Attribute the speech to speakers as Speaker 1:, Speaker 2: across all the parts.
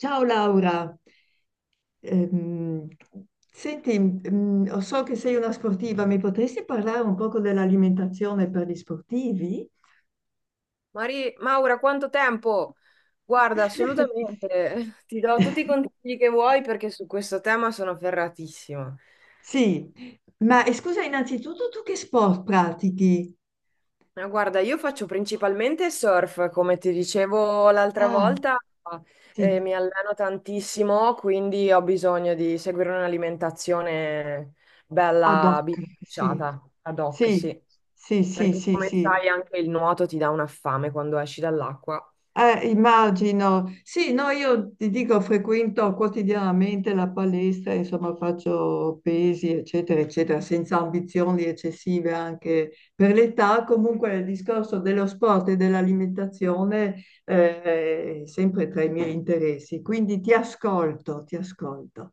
Speaker 1: Ciao Laura. Ehm, Senti, so che sei una sportiva, mi potresti parlare un poco dell'alimentazione per gli sportivi?
Speaker 2: Maura, quanto tempo? Guarda, assolutamente, ti do tutti i consigli che vuoi perché su questo tema sono ferratissima.
Speaker 1: Sì, ma scusa, innanzitutto tu che sport pratichi?
Speaker 2: Ma guarda, io faccio principalmente surf, come ti dicevo l'altra
Speaker 1: Ah,
Speaker 2: volta,
Speaker 1: sì,
Speaker 2: mi alleno tantissimo, quindi ho bisogno di seguire un'alimentazione
Speaker 1: ad
Speaker 2: bella
Speaker 1: hoc, sì,
Speaker 2: bilanciata, ad hoc,
Speaker 1: sì,
Speaker 2: sì.
Speaker 1: sì, sì,
Speaker 2: Perché
Speaker 1: sì,
Speaker 2: come
Speaker 1: sì.
Speaker 2: sai anche il nuoto ti dà una fame quando esci dall'acqua.
Speaker 1: Immagino. Sì, no, io ti dico, frequento quotidianamente la palestra, insomma, faccio pesi, eccetera, eccetera, senza ambizioni eccessive anche per l'età. Comunque il discorso dello sport e dell'alimentazione, è sempre tra i miei interessi. Quindi ti ascolto, ti ascolto.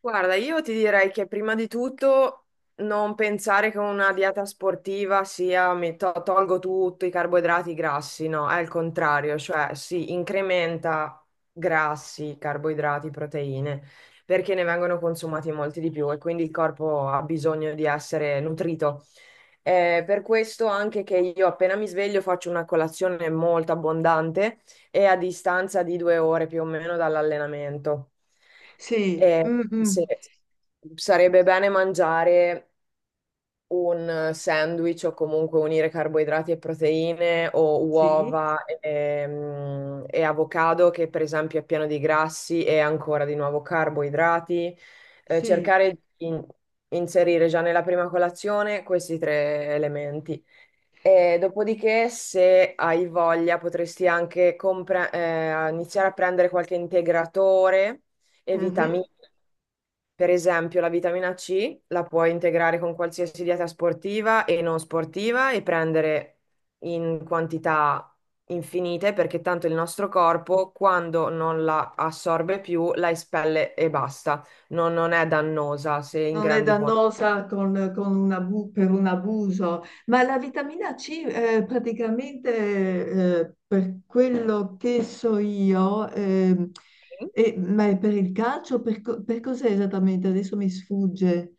Speaker 2: Guarda, io ti direi che prima di tutto non pensare che una dieta sportiva sia tolgo tutto, i carboidrati, i grassi, no, è il contrario, cioè si incrementa grassi, carboidrati, proteine, perché ne vengono consumati molti di più e quindi il corpo ha bisogno di essere nutrito. Per questo anche che io appena mi sveglio faccio una colazione molto abbondante e a distanza di 2 ore più o meno dall'allenamento.
Speaker 1: Sì,
Speaker 2: E se- Sarebbe bene mangiare un sandwich o comunque unire carboidrati e proteine o
Speaker 1: Sì,
Speaker 2: uova e, e avocado, che per esempio è pieno di grassi e ancora di nuovo carboidrati. Eh,
Speaker 1: sì.
Speaker 2: cercare di in- inserire già nella prima colazione questi tre elementi. E dopodiché, se hai voglia, potresti anche iniziare a prendere qualche integratore e
Speaker 1: Mhm.
Speaker 2: vitamine. Per esempio, la vitamina C la puoi integrare con qualsiasi dieta sportiva e non sportiva e prendere in quantità infinite perché tanto il nostro corpo, quando non la assorbe più, la espelle e basta. Non è dannosa se in
Speaker 1: Non è
Speaker 2: grandi quantità.
Speaker 1: dannosa con un per un abuso, ma la vitamina C praticamente per quello che so io. Ma è per il calcio, per cos'è esattamente? Adesso mi sfugge.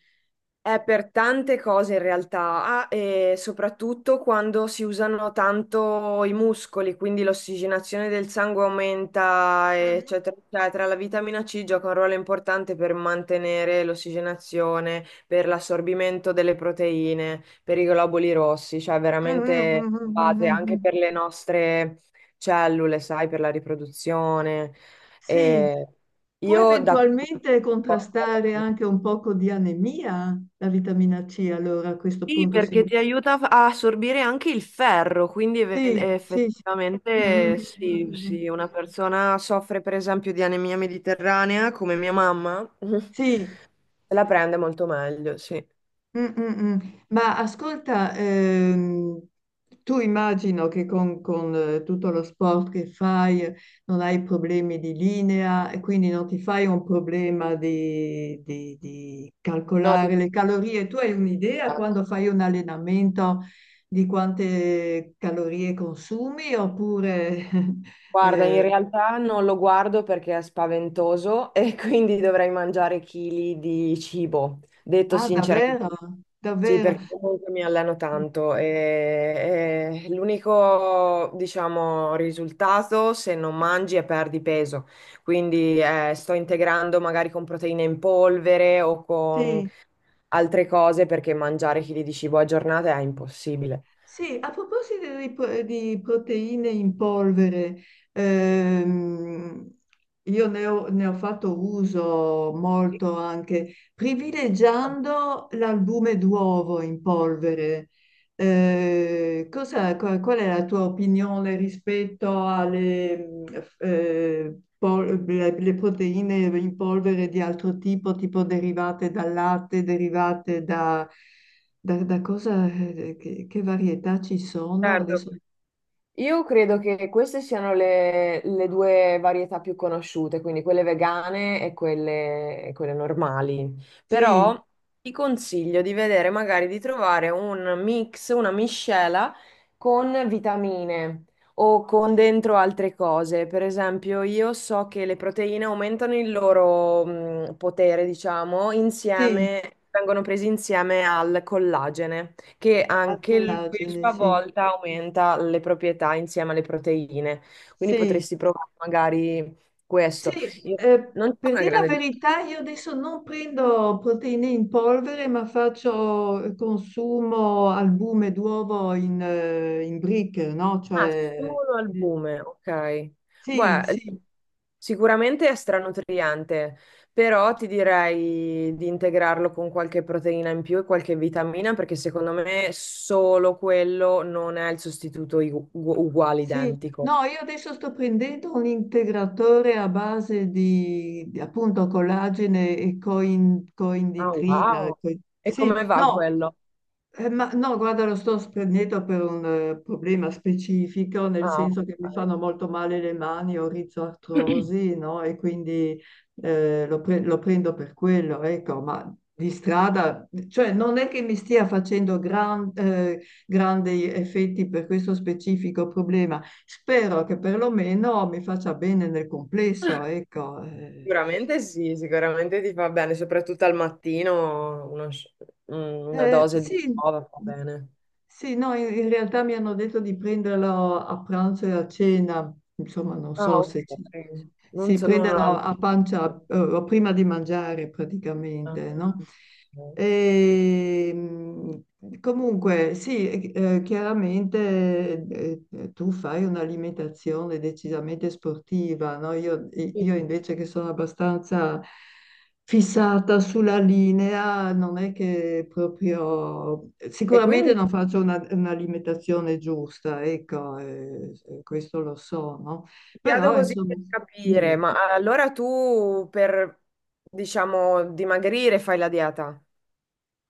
Speaker 2: È per tante cose in realtà, e soprattutto quando si usano tanto i muscoli, quindi l'ossigenazione del sangue aumenta,
Speaker 1: Mhm.
Speaker 2: eccetera, eccetera. La vitamina C gioca un ruolo importante per mantenere l'ossigenazione, per l'assorbimento delle proteine, per i globuli rossi, cioè
Speaker 1: Mhm,
Speaker 2: veramente
Speaker 1: mhm,
Speaker 2: base
Speaker 1: mhm,
Speaker 2: anche
Speaker 1: mhm.
Speaker 2: per le nostre cellule, sai, per la riproduzione.
Speaker 1: Sì,
Speaker 2: E
Speaker 1: può
Speaker 2: io da...
Speaker 1: eventualmente contrastare anche un poco di anemia la vitamina C, allora a questo
Speaker 2: Sì,
Speaker 1: punto
Speaker 2: perché
Speaker 1: sì.
Speaker 2: ti aiuta a assorbire anche il ferro, quindi
Speaker 1: Sì, sì, sì. Mhm,
Speaker 2: effettivamente sì,
Speaker 1: mhm, mhm.
Speaker 2: sì, una persona soffre per esempio di anemia mediterranea, come mia mamma,
Speaker 1: Sì,
Speaker 2: se la prende molto meglio, sì.
Speaker 1: mm, mm, mm. Ma ascolta, tu immagino che tutto lo sport che fai non hai problemi di linea e quindi non ti fai un problema di
Speaker 2: No,
Speaker 1: calcolare
Speaker 2: di-
Speaker 1: le calorie. Tu hai un'idea quando fai un allenamento di quante calorie consumi oppure…
Speaker 2: Guarda, in
Speaker 1: eh,
Speaker 2: realtà non lo guardo perché è spaventoso e quindi dovrei mangiare chili di cibo, detto
Speaker 1: ah, davvero?
Speaker 2: sinceramente. Sì,
Speaker 1: Davvero?
Speaker 2: perché comunque mi alleno
Speaker 1: Sì,
Speaker 2: tanto e l'unico, diciamo, risultato se non mangi è perdi peso. Quindi sto integrando magari con proteine in polvere o con
Speaker 1: sì.
Speaker 2: altre cose perché mangiare chili di cibo a giornata è impossibile.
Speaker 1: Sì, a proposito di proteine in polvere, ehm, io ne ho fatto uso
Speaker 2: Sì.
Speaker 1: molto anche privilegiando l'albume d'uovo in polvere. Qual è la tua opinione rispetto alle le proteine in polvere di altro tipo, tipo derivate dal latte, derivate da… da cosa, che varietà ci sono
Speaker 2: Certo.
Speaker 1: adesso?
Speaker 2: Io credo che queste siano le due varietà più conosciute, quindi quelle vegane e quelle normali.
Speaker 1: Sì,
Speaker 2: Però ti consiglio di vedere, magari di trovare un mix, una miscela con vitamine o con
Speaker 1: sì,
Speaker 2: dentro altre cose. Per esempio, io so che le proteine aumentano il loro, potere, diciamo,
Speaker 1: sì,
Speaker 2: insieme, vengono presi insieme al collagene che
Speaker 1: al
Speaker 2: anche lui a
Speaker 1: collagene,
Speaker 2: sua
Speaker 1: sì,
Speaker 2: volta aumenta le proprietà insieme alle proteine. Quindi
Speaker 1: sì,
Speaker 2: potresti provare magari
Speaker 1: sì.
Speaker 2: questo. Io-
Speaker 1: Eh,
Speaker 2: Non c'è
Speaker 1: per
Speaker 2: una
Speaker 1: dire la
Speaker 2: grande differenza.
Speaker 1: verità, io adesso non prendo proteine in polvere, ma faccio consumo albume d'uovo in brick, no?
Speaker 2: Ah,
Speaker 1: Cioè,
Speaker 2: solo al
Speaker 1: eh,
Speaker 2: bume, ok.
Speaker 1: sì,
Speaker 2: Beh,
Speaker 1: sì,
Speaker 2: sicuramente è stranutriente, però ti direi di integrarlo con qualche proteina in più e qualche vitamina, perché secondo me solo quello non è il sostituto uguale,
Speaker 1: sì,
Speaker 2: identico.
Speaker 1: no, io adesso sto prendendo un integratore a base appunto collagene e
Speaker 2: Ah,
Speaker 1: coinditrina.
Speaker 2: wow. E
Speaker 1: Sì,
Speaker 2: come va
Speaker 1: no,
Speaker 2: quello?
Speaker 1: ma no, guarda, lo sto prendendo per un problema specifico, nel
Speaker 2: Ah, ok.
Speaker 1: senso che mi fanno molto male le mani, ho rizoartrosi, no? E quindi lo prendo per quello, ecco, ma di strada, cioè non è che mi stia facendo grandi effetti per questo specifico problema. Spero che perlomeno mi faccia bene nel complesso, ecco.
Speaker 2: Sicuramente sì, sicuramente ti fa bene, soprattutto al mattino una dose di
Speaker 1: Sì.
Speaker 2: prova fa bene.
Speaker 1: Sì, no, in realtà mi hanno detto di prenderlo a pranzo e a cena, insomma, non
Speaker 2: Ah,
Speaker 1: so se ci
Speaker 2: ok. Non
Speaker 1: si
Speaker 2: so, non ho
Speaker 1: prendono
Speaker 2: la-
Speaker 1: a pancia prima di mangiare
Speaker 2: Ah,
Speaker 1: praticamente, no?
Speaker 2: ok.
Speaker 1: E, comunque, sì, chiaramente tu fai un'alimentazione decisamente sportiva, no? Io
Speaker 2: Sì.
Speaker 1: invece che sono abbastanza fissata sulla linea, non è che proprio…
Speaker 2: E
Speaker 1: Sicuramente
Speaker 2: quindi ti
Speaker 1: non faccio un'alimentazione giusta, ecco, questo lo so, no?
Speaker 2: chiedo
Speaker 1: Però,
Speaker 2: così
Speaker 1: insomma…
Speaker 2: per capire,
Speaker 1: Dimmi.
Speaker 2: ma allora tu per, diciamo, dimagrire fai la dieta?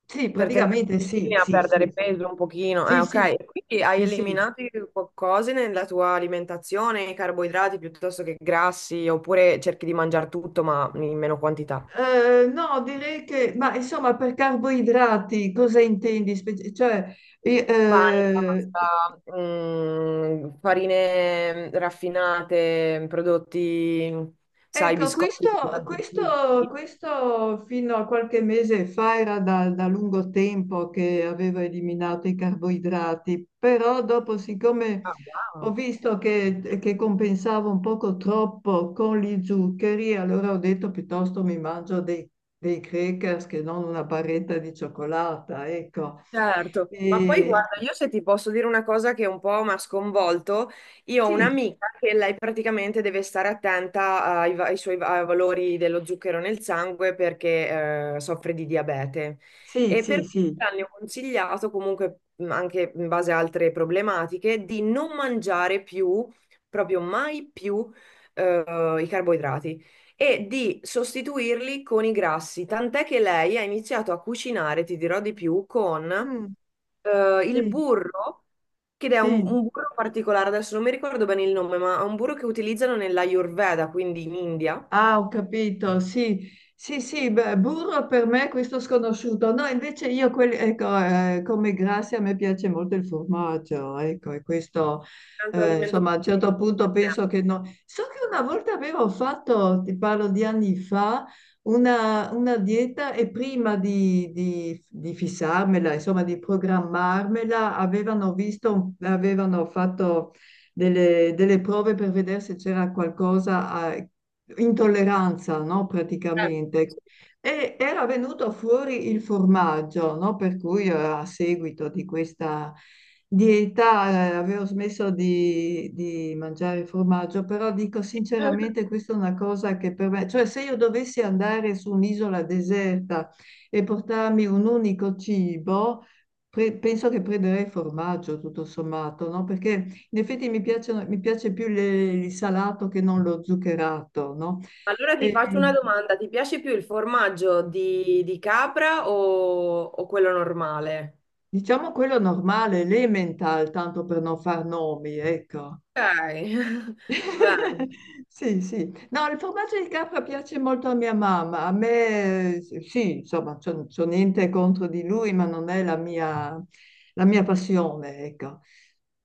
Speaker 1: Sì,
Speaker 2: Per tenere
Speaker 1: praticamente
Speaker 2: in
Speaker 1: sì,
Speaker 2: linea,
Speaker 1: sì, sì,
Speaker 2: perdere
Speaker 1: sì.
Speaker 2: peso un pochino.
Speaker 1: Sì,
Speaker 2: Ok.
Speaker 1: sì,
Speaker 2: E quindi hai
Speaker 1: sì, sì.
Speaker 2: eliminato cose nella tua alimentazione, i carboidrati piuttosto che grassi, oppure cerchi di mangiare tutto ma in meno quantità.
Speaker 1: No, direi che, ma insomma, per carboidrati cosa intendi? Cioè,
Speaker 2: Pane,
Speaker 1: eh,
Speaker 2: pasta, farine raffinate, prodotti, sai,
Speaker 1: ecco, questo,
Speaker 2: biscotti con tanti zuccheri.
Speaker 1: questo fino a qualche mese fa era da lungo tempo che avevo eliminato i carboidrati, però dopo, siccome
Speaker 2: Ah,
Speaker 1: ho
Speaker 2: wow.
Speaker 1: visto che compensavo un poco troppo con gli zuccheri, allora ho detto piuttosto mi mangio dei crackers che non una barretta di cioccolata, ecco.
Speaker 2: Certo, ma poi
Speaker 1: E-
Speaker 2: guarda, io se ti posso dire una cosa che un po' mi ha sconvolto, io ho
Speaker 1: sì,
Speaker 2: un'amica che lei praticamente deve stare attenta ai, va- ai suoi va- ai valori dello zucchero nel sangue perché soffre di diabete
Speaker 1: sì,
Speaker 2: e per
Speaker 1: sì,
Speaker 2: cui
Speaker 1: sì.
Speaker 2: le hanno consigliato comunque anche in base a altre problematiche di non mangiare più, proprio mai più i carboidrati e di sostituirli con i grassi. Tant'è che lei ha iniziato a cucinare, ti dirò di più, con
Speaker 1: Mm,
Speaker 2: il
Speaker 1: sì,
Speaker 2: burro, che è un,
Speaker 1: sì.
Speaker 2: un burro particolare, adesso non mi ricordo bene il nome, ma è un burro che utilizzano nell'Ayurveda, quindi in India. Un
Speaker 1: Ah, ho capito, sì, sì, sì, beh, burro per me è questo sconosciuto. No, invece io, ecco, come grassi a me piace molto il formaggio, ecco, e questo,
Speaker 2: altro alimento.
Speaker 1: insomma, a un
Speaker 2: Che-
Speaker 1: certo punto penso che no. So che una volta avevo fatto, ti parlo di anni fa, una dieta e prima di fissarmela, insomma, di programmarmela, avevano visto, avevano fatto delle prove per vedere se c'era qualcosa intolleranza, no? Praticamente. E era venuto fuori il formaggio, no? Per cui a seguito di questa dieta avevo smesso di mangiare formaggio, però dico sinceramente questa è una cosa che per me, cioè se io dovessi andare su un'isola deserta e portarmi un unico cibo, penso che prenderei formaggio tutto sommato, no? Perché in effetti mi piace più il salato che non lo zuccherato, no?
Speaker 2: Allora ti
Speaker 1: E,
Speaker 2: faccio una domanda, ti piace più il formaggio di capra o quello normale?
Speaker 1: diciamo quello normale, l'emmental, tanto per non far nomi, ecco.
Speaker 2: Ok, bene.
Speaker 1: Sì, sì. No, il formaggio di capra piace molto a mia mamma. A me, sì, insomma, c'ho niente contro di lui, ma non è la mia passione, ecco.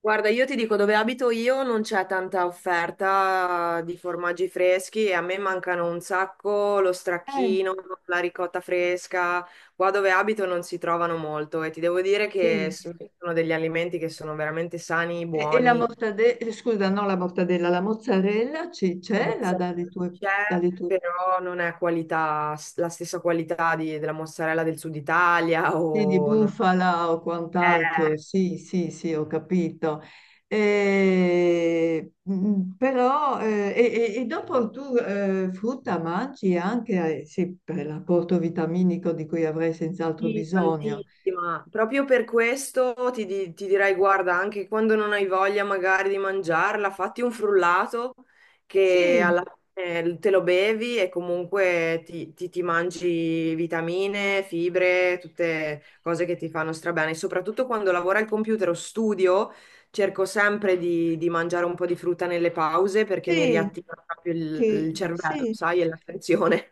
Speaker 2: Guarda, io ti dico, dove abito io non c'è tanta offerta di formaggi freschi e a me mancano un sacco lo
Speaker 1: Eh,
Speaker 2: stracchino, la ricotta fresca. Qua dove abito non si trovano molto e ti devo dire che
Speaker 1: sì.
Speaker 2: sono degli alimenti che sono veramente sani,
Speaker 1: E la
Speaker 2: buoni.
Speaker 1: mortadella, scusa, no, la mortadella, la mozzarella
Speaker 2: La
Speaker 1: c'è là
Speaker 2: mozzarella c'è,
Speaker 1: dalle tue
Speaker 2: però non è qualità, la stessa qualità della mozzarella del sud Italia
Speaker 1: sì, di
Speaker 2: o non...
Speaker 1: bufala o
Speaker 2: è.
Speaker 1: quant'altro, sì, sì, sì, ho capito. E, però, e dopo tu frutta mangi anche, sì, per l'apporto vitaminico di cui avrai senz'altro
Speaker 2: Sì,
Speaker 1: bisogno.
Speaker 2: tantissima. Proprio per questo ti direi, guarda, anche quando non hai voglia magari di mangiarla, fatti un frullato che
Speaker 1: Sì,
Speaker 2: alla fine te lo bevi e comunque ti mangi vitamine, fibre, tutte cose che ti fanno strabene. Soprattutto quando lavoro al computer o studio, cerco sempre di mangiare un po' di frutta nelle pause perché mi
Speaker 1: sì,
Speaker 2: riattiva proprio il,
Speaker 1: ti-
Speaker 2: il cervello,
Speaker 1: sì,
Speaker 2: sai, e l'attenzione.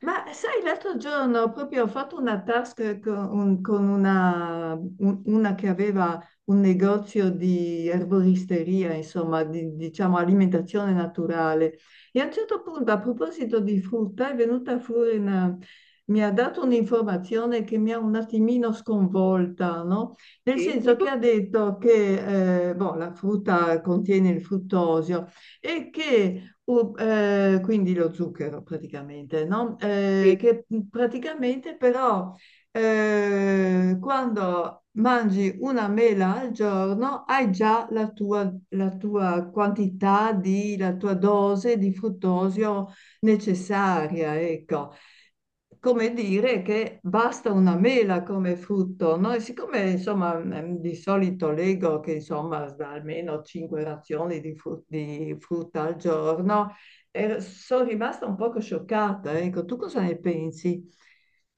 Speaker 1: ma sai, l'altro giorno proprio ho fatto una task con una, una che aveva un negozio di erboristeria, insomma, di, diciamo alimentazione naturale. E a un certo punto, a proposito di frutta, è venuta fuori una… Mi ha dato un'informazione che mi ha un attimino sconvolta, no? Nel
Speaker 2: Sì,
Speaker 1: senso che
Speaker 2: tipo...
Speaker 1: ha detto che boh, la frutta contiene il fruttosio e che quindi lo zucchero praticamente, no? Che praticamente però quando mangi una mela al giorno hai già la tua quantità la tua dose di fruttosio necessaria, ecco, come dire che basta una mela come frutto, no? E siccome insomma di solito leggo che insomma da almeno 5 razioni di frutta al giorno, sono rimasta un poco scioccata. Ecco, tu cosa ne pensi?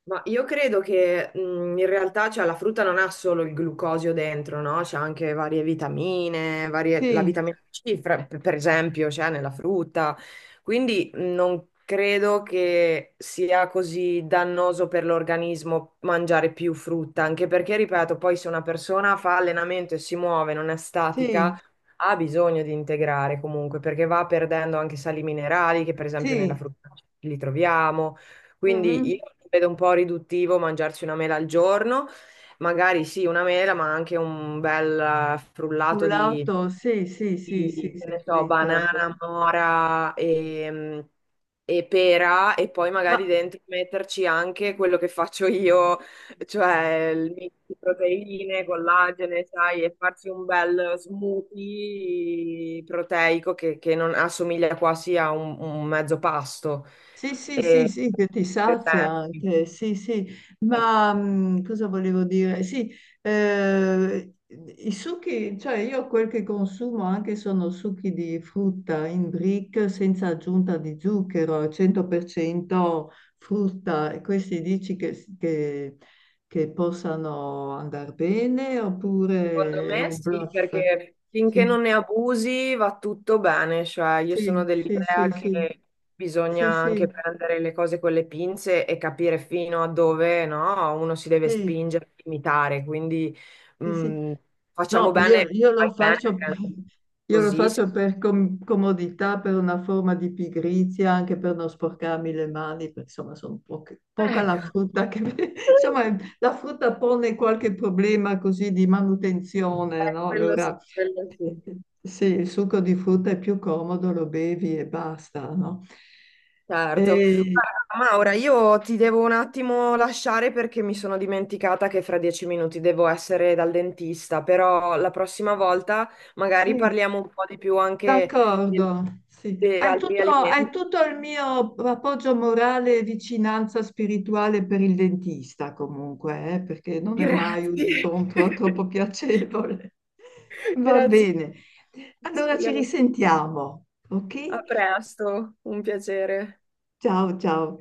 Speaker 2: Ma io credo che in realtà cioè, la frutta non ha solo il glucosio dentro, no? C'è anche varie vitamine, la
Speaker 1: Sì,
Speaker 2: vitamina C, per esempio, c'è nella frutta. Quindi non credo che sia così dannoso per l'organismo mangiare più frutta, anche perché, ripeto, poi se una persona fa allenamento e si muove, non è statica,
Speaker 1: sì,
Speaker 2: ha bisogno di integrare comunque, perché va perdendo anche sali minerali, che per esempio nella
Speaker 1: sì,
Speaker 2: frutta li troviamo quindi
Speaker 1: mhm.
Speaker 2: io vedo un po' riduttivo mangiarci una mela al giorno, magari sì, una mela, ma anche un bel frullato
Speaker 1: Frullato, sì, sì, sì, sì,
Speaker 2: di, che
Speaker 1: sì,
Speaker 2: ne so,
Speaker 1: diventa un po'.
Speaker 2: banana, mora e pera e poi magari
Speaker 1: Ma
Speaker 2: dentro metterci anche quello che faccio io cioè il mix di proteine, collagene, sai, e farsi un bel smoothie proteico che non assomiglia quasi a un mezzo pasto.
Speaker 1: sì, sì, sì,
Speaker 2: E,
Speaker 1: sì, che ti
Speaker 2: per
Speaker 1: sazia
Speaker 2: esempio.
Speaker 1: anche, sì, sì, ma cosa volevo dire? Sì, i succhi, cioè io quel che consumo anche sono succhi di frutta in brick senza aggiunta di zucchero, al 100% frutta, e questi dici che, che possano andare bene
Speaker 2: Secondo
Speaker 1: oppure è
Speaker 2: me
Speaker 1: un
Speaker 2: sì,
Speaker 1: bluff?
Speaker 2: perché finché
Speaker 1: Sì,
Speaker 2: non ne abusi va tutto bene, cioè io sono
Speaker 1: sì, sì,
Speaker 2: dell'idea
Speaker 1: sì, sì,
Speaker 2: che bisogna
Speaker 1: sì,
Speaker 2: anche
Speaker 1: sì,
Speaker 2: prendere le cose con le pinze e capire fino a dove, no, uno si deve
Speaker 1: sì.
Speaker 2: spingere, limitare, quindi
Speaker 1: Sì. Sì.
Speaker 2: mh, facciamo
Speaker 1: No,
Speaker 2: bene,
Speaker 1: io lo
Speaker 2: fai bene,
Speaker 1: faccio,
Speaker 2: anche
Speaker 1: io lo
Speaker 2: così.
Speaker 1: faccio per comodità, per una forma di pigrizia, anche per non sporcarmi le mani, perché insomma sono poca la
Speaker 2: Ecco,
Speaker 1: frutta che… insomma la frutta pone qualche problema così di manutenzione, no?
Speaker 2: Quello sì,
Speaker 1: Allora
Speaker 2: quello sì.
Speaker 1: sì, il succo di frutta è più comodo, lo bevi e basta, no?
Speaker 2: Certo.
Speaker 1: E,
Speaker 2: Guarda, Maura, io ti devo un attimo lasciare perché mi sono dimenticata che fra 10 minuti devo essere dal dentista, però la prossima volta magari
Speaker 1: sì,
Speaker 2: parliamo un po' di più anche di,
Speaker 1: d'accordo, sì.
Speaker 2: di altri
Speaker 1: Hai
Speaker 2: alimenti.
Speaker 1: tutto il mio appoggio morale e vicinanza spirituale per il dentista, comunque, perché non è mai un
Speaker 2: Grazie.
Speaker 1: incontro troppo piacevole. Va
Speaker 2: Grazie.
Speaker 1: bene. Allora ci
Speaker 2: Speriamo.
Speaker 1: risentiamo,
Speaker 2: A
Speaker 1: ok?
Speaker 2: presto, un piacere.
Speaker 1: Ciao, ciao.